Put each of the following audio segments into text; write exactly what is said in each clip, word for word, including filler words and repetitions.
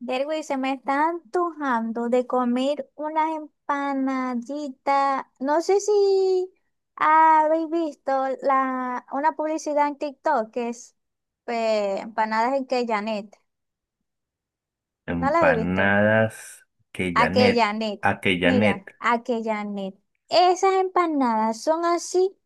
Derwin, se me está antojando de comer unas empanaditas. No sé si habéis visto la, una publicidad en TikTok que es eh, empanadas en Janet. ¿No la habéis visto? Empanadas que Janet, Janet. a que Mira, Janet. Janet. Esas empanadas son así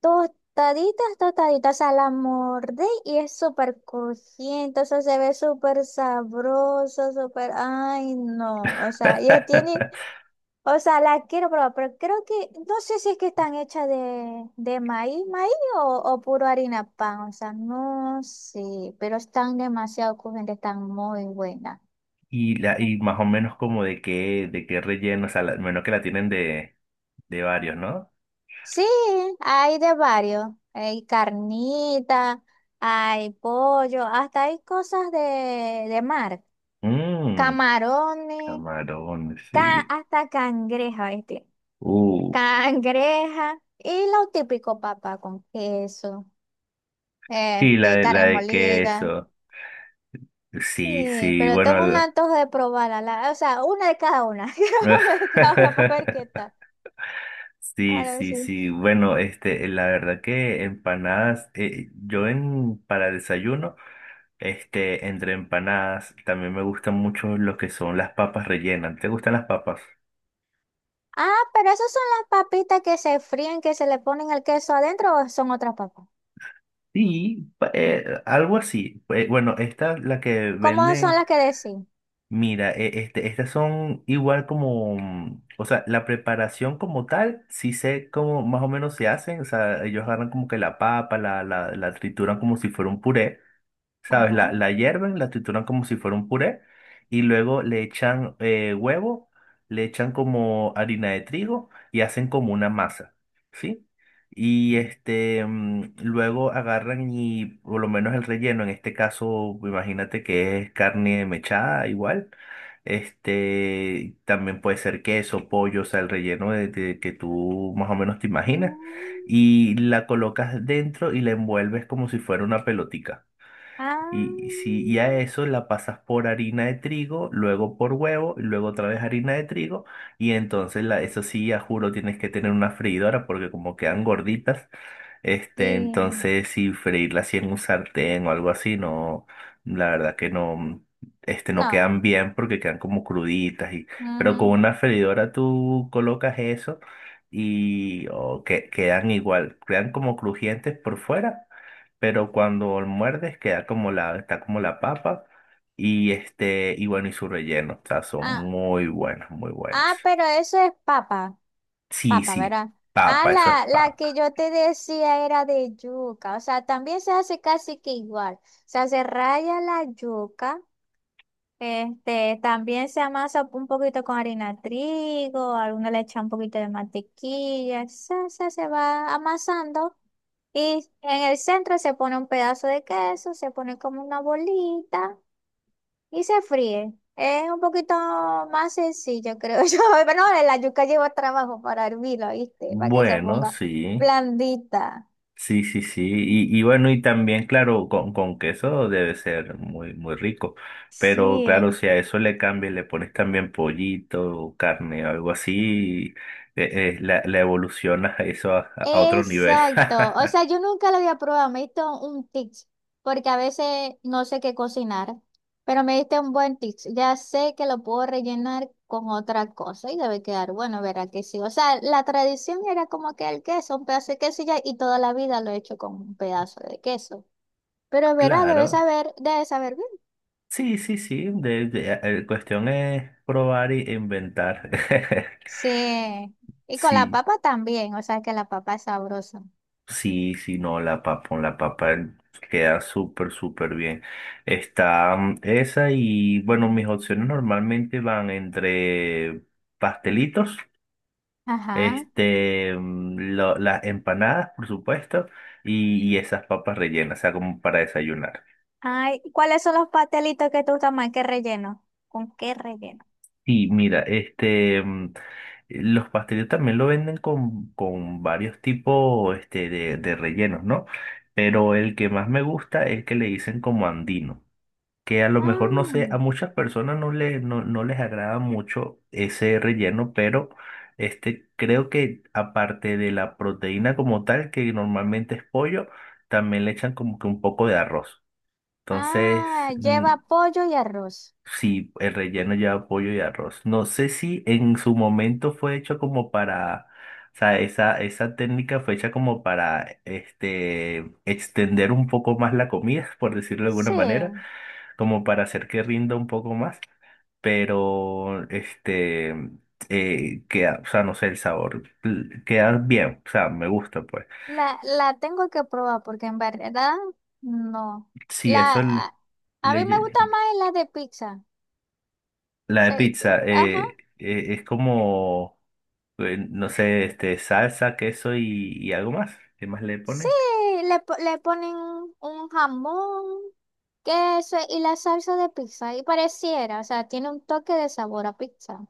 tostaditas, tostaditas. O sea, la mordé y es súper crujiente. O sea, se ve súper sabroso, súper... Ay, no. O sea, ya tiene... O sea, la quiero probar, pero creo que, no sé si es que están hechas de, de maíz, maíz o, o puro harina pan, o sea, no sé, pero están demasiado crujientes, están muy buenas. Y, la, y más o menos como de qué, de qué relleno, o sea, la- menos que la tienen de, de varios, ¿no? Sí, hay de varios, hay carnita, hay pollo, hasta hay cosas de, de mar, Mmm, camarones, camarón, ca- sí. hasta cangreja, este, Uh, cangreja, y lo típico, papá, con queso, sí, la este, de, la carne de molida. queso. Sí, Sí, sí, pero bueno. tengo un el- antojo de probarla. La- o sea, una de cada una. Quiero una de cada una para ver qué tal. A Sí, ver sí, si. sí. Bueno, este, la verdad que empanadas, eh, yo en para desayuno, este, entre empanadas, también me gustan mucho lo que son las papas rellenas. ¿Te gustan las papas? Ah, pero esas son las papitas que se fríen, que se le ponen el queso adentro o son otras papas. Sí, pa- eh, algo así. Eh, bueno, esta, la que ¿Cómo son venden, las que decís? mira, eh, este, estas son igual como, mm, o sea, la preparación como tal, sí sé cómo más o menos se hacen. O sea, ellos agarran como que la papa, la, la, la trituran como si fuera un puré. ¿Sabes? La, Ajá. la hierven, la trituran como si fuera un puré y luego le echan eh, huevo, le echan como harina de trigo y hacen como una masa, ¿sí? Y este, mm, luego agarran y por lo menos el relleno, en este caso, imagínate que es carne mechada igual. Este, también puede ser queso, pollo, o sea, el relleno de, de que tú más o menos te imaginas. Mm, Y la colocas dentro y la envuelves como si fuera una pelotica. ah, Y si y a eso la pasas por harina de trigo, luego por huevo, y luego otra vez harina de trigo, y entonces la, eso sí, ya juro, tienes que tener una freidora porque como quedan gorditas, este, sí. entonces, si freírla así en un sartén o algo así, no, la verdad que no, este, no quedan No. bien porque quedan como cruditas y, pero con Ujú. una freidora tú colocas eso y o que, quedan igual, quedan como crujientes por fuera, pero cuando muerdes queda como la, está como la papa y este, y bueno, y su relleno, o sea, son Ah, muy buenas, muy buenas. ah, pero eso es papa. Sí, Papa, sí, ¿verdad? Ah, papa, eso es la, la que papa. yo te decía era de yuca, o sea, también se hace casi que igual, o sea, se raya la yuca, este, también se amasa un poquito con harina de trigo, alguna le echa un poquito de mantequilla, se, se, se va amasando y en el centro se pone un pedazo de queso, se pone como una bolita y se fríe. Es un poquito más sencillo, creo yo. Pero no, la yuca lleva trabajo para hervirla, ¿viste? Para que se Bueno, ponga sí. blandita. Sí, sí, sí. Y, y bueno, y también, claro, con, con queso debe ser muy, muy rico. Pero claro, Sí. si a eso le cambias, le pones también pollito, o carne o algo así, eh, eh, la, la evolucionas a eso a, a otro nivel. Exacto. O sea, yo nunca lo había probado. Me diste un tip, porque a veces no sé qué cocinar, pero me diste un buen tip. Ya sé que lo puedo rellenar con otra cosa y debe quedar bueno, verá que sí. O sea, la tradición era como que el queso, un pedazo de queso y ya, y toda la vida lo he hecho con un pedazo de queso. Pero verás, debes Claro. saber, debes saber bien. Sí, sí, sí. De, de- eh, cuestión es probar e inventar. Sí. Y con la Sí. papa también, o sea que la papa es sabrosa. Sí, sí, no, la papa, con la papa queda súper, súper bien. Está mm, esa y bueno, mis opciones normalmente van entre pastelitos, Ajá. este, mm, lo- las empanadas, por supuesto, y, y esas papas rellenas, o sea, como para desayunar. Ay, ¿y cuáles son los pastelitos que te gustan más? ¿Qué relleno? ¿Con qué relleno? Y mira, este, mm, los pastelitos también lo venden con, con varios tipos, este, de, de rellenos, ¿no? Pero el que más me gusta es el que le dicen como andino. Que a lo mejor no Ah, sé, a muchas personas no, le, no, no les agrada mucho ese relleno, pero este, creo que aparte de la proteína como tal, que normalmente es pollo, también le echan como que un poco de arroz. Entonces, ah, mm, lleva pollo y arroz. sí, el relleno lleva pollo y arroz. No sé si en su momento fue hecho como para... O sea, esa, esa técnica fue hecha como para este, extender un poco más la comida, por decirlo de alguna Sí, manera como para hacer que rinda un poco más, pero este, eh, queda, o sea, no sé, el sabor l- queda bien, o sea, me gusta, pues. la, la tengo que probar porque en verdad no. Sí, La, eso le, a, a le mí me gusta lle- más la de pizza. la de Sí, sí. pizza Ajá. eh, eh, es como, eh, no sé, este, salsa, queso y, y algo más. ¿Qué más le Sí, ponen? le, po- le ponen un jamón. Queso y la salsa de pizza. Y pareciera, o sea, tiene un toque de sabor a pizza.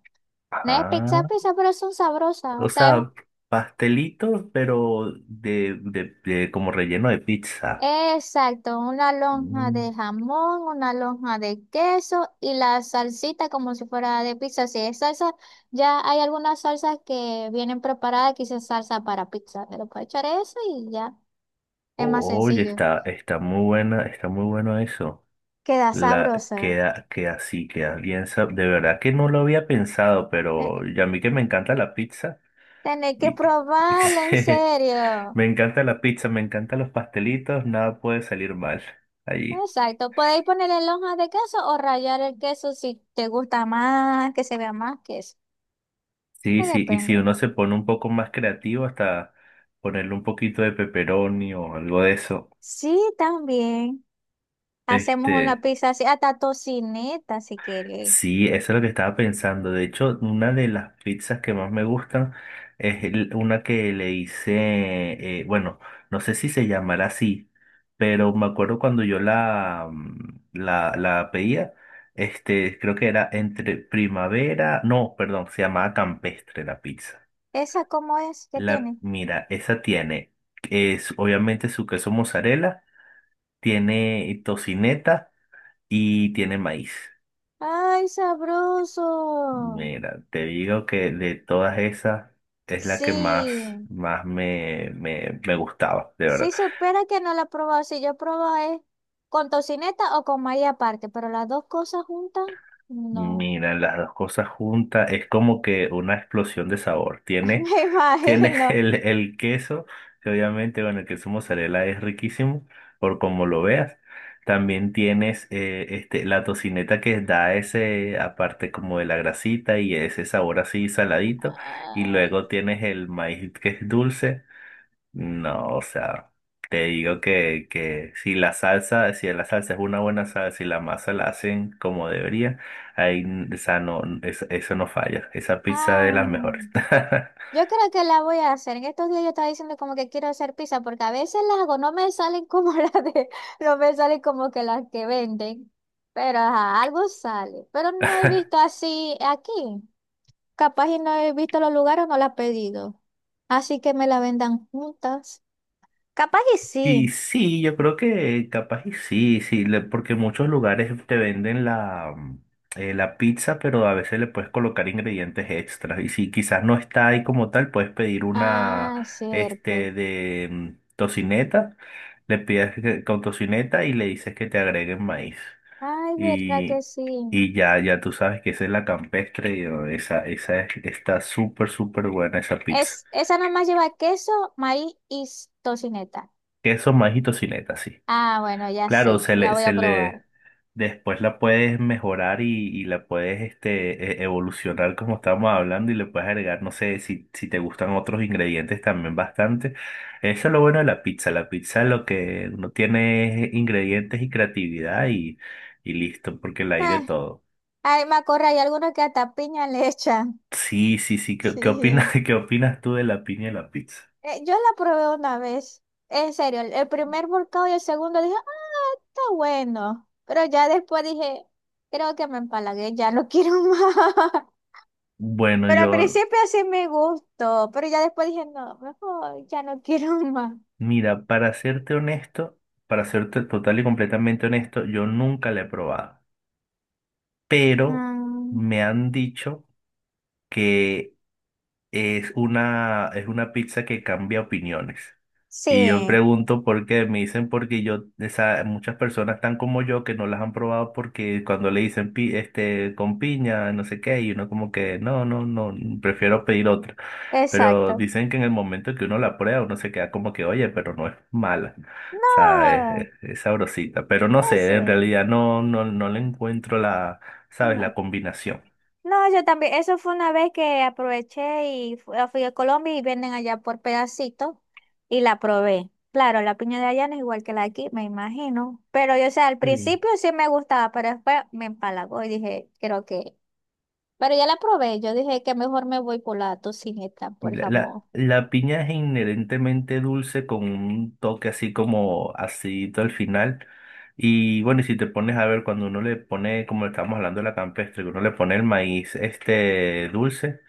No es Ah, pizza, pizza, pero son sabrosas. O o sea, sea, pastelitos, pero de, de, de como relleno de pizza. exacto, una lonja Mm. de jamón, una lonja de queso y la salsita como si fuera de pizza. Si es salsa, ya hay algunas salsas que vienen preparadas, quizás salsa para pizza. Pero puedes echar eso y ya, es más Oye, sencillo. está, está muy buena, está muy bueno eso. Queda La sabrosa. queda, queda así, queda bien. Sab- De verdad que no lo había pensado, Eh, pero ya a mí que me encanta la pizza Tenés que y probarla, en sí, serio. me encanta la pizza, me encantan los pastelitos, nada puede salir mal allí. Exacto, podéis ponerle lonjas de queso o rallar el queso si te gusta más, que se vea más queso. Sí, Eh, sí, y si Depende. uno se pone un poco más creativo, hasta ponerle un poquito de pepperoni o algo de eso. Sí, también hacemos una Este. pizza así, hasta tocineta si queréis. Sí, eso es lo que estaba pensando. De hecho, una de las pizzas que más me gustan es el- una que le hice, eh, bueno, no sé si se llamará así, pero me acuerdo cuando yo la, mm, la, la pedía, este, creo que era entre primavera, no, perdón, se llamaba campestre la pizza. ¿Esa cómo es? ¿Qué La, tiene? mira, esa tiene, es obviamente su queso mozzarella, tiene tocineta y tiene maíz. ¡Ay, sabroso! Mira, te digo que de todas esas es la que más, Sí, más me, me, me gustaba, de sí, verdad. supera que no la he probado. Si yo he probado es con tocineta o con maíz aparte, pero las dos cosas juntas, no. Mira, las dos cosas juntas es como que una explosión de sabor. Tiene, Me tiene imagino. el, el queso, que obviamente, bueno, el queso mozzarella es riquísimo, por como lo veas. También tienes eh, este, la tocineta que da ese, aparte como de la grasita y ese sabor así saladito. Y Ay, luego tienes el maíz que es dulce. No, o sea, te digo que, que si la salsa, si la salsa es una buena salsa y la masa la hacen como debería, ahí, n- o sea, no, es- eso no falla. Esa pizza es ah. de las mejores. Yo creo que la voy a hacer. En estos días yo estaba diciendo como que quiero hacer pizza porque a veces las hago, no me salen como las de, no me salen como que las que venden, pero ajá, algo sale. Pero no he visto así aquí. Capaz y no he visto los lugares, no la he pedido. Así que me la vendan juntas. Capaz y Y sí. sí, yo creo que capaz y sí, sí, le- porque muchos lugares te venden la, mm, eh, la pizza, pero a veces le puedes colocar ingredientes extras. Y si quizás no está ahí como tal, puedes pedir una Ah, cierto. este de mm, tocineta, le pides que- con tocineta y le dices que te agreguen maíz. Ay, verdad que Y, sí. y ya, ya tú sabes que esa es la campestre, y, oh, esa, esa es- está súper, súper buena esa pizza. Es, esa nomás lleva queso, maíz y s- tocineta. Queso, maíz y tocineta, sí. Ah, bueno, ya Claro, sé. se La le, voy se a le, probar. después la puedes mejorar y, y la puedes este, e- evolucionar como estábamos hablando y le puedes agregar, no sé, si, si te gustan otros ingredientes también bastante. Eso es lo bueno de la pizza. La pizza lo que uno tiene es ingredientes y creatividad y, y listo, porque la hay de Ah, todo. ay, Macorra, hay algunos que hasta piña le echan. Sí, sí, sí. ¿Qué, qué opinas, Sí. qué opinas tú de la piña y la pizza? Eh, yo la probé una vez. En serio, el, el primer volcado y el segundo dije, ah, está bueno. Pero ya después dije, creo que me empalagué, ya no quiero más. Bueno, Pero al yo, principio sí me gustó, pero ya después dije, no, mejor ya no quiero más. mira, para serte honesto, para serte total y completamente honesto, yo nunca la he probado. Pero Mm, me han dicho que es una, es una pizza que cambia opiniones. Y yo sí, pregunto por qué, me dicen porque yo, esa, muchas personas están como yo que no las han probado porque cuando le dicen pi- este, con piña, no sé qué, y uno como que no, no, no, prefiero pedir otra. Pero exacto. dicen que en el momento que uno la prueba, uno se queda como que, oye, pero no es mala. O sea, es, es- No, es sabrosita. Pero no sé, en ese. realidad no, no, no le encuentro la, ¿sabes? La No. combinación. No, yo también, eso fue una vez que aproveché y fu- ah, fui a Colombia y venden allá por pedacitos y la probé. Claro, la piña de allá no es igual que la de aquí, me imagino. Pero yo, o sea, al Sí. principio sí me gustaba, pero después me empalagó y dije, creo que... Pero ya la probé, yo dije que mejor me voy por la tocineta, por La, la, jamón. la piña es inherentemente dulce con un toque así como acidito al final. Y bueno, y si te pones a ver, cuando uno le pone, como estábamos hablando de la campestre, que uno le pone el maíz este dulce,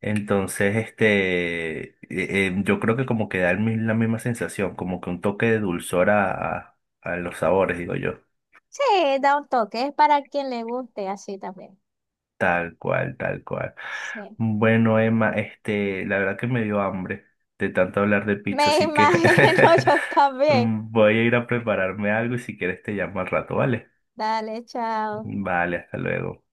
entonces este eh, eh, yo creo que como que da el mi- la misma sensación, como que un toque de dulzor a, a los sabores, digo yo. Sí, da un toque, es para quien le guste así también. Tal cual, tal cual. Sí. Bueno, Emma, este, la verdad que me dio hambre de tanto hablar de pizza, Me así que imagino yo también. voy a ir a prepararme algo y si quieres te llamo al rato, ¿vale? Dale, chao. Vale, hasta luego.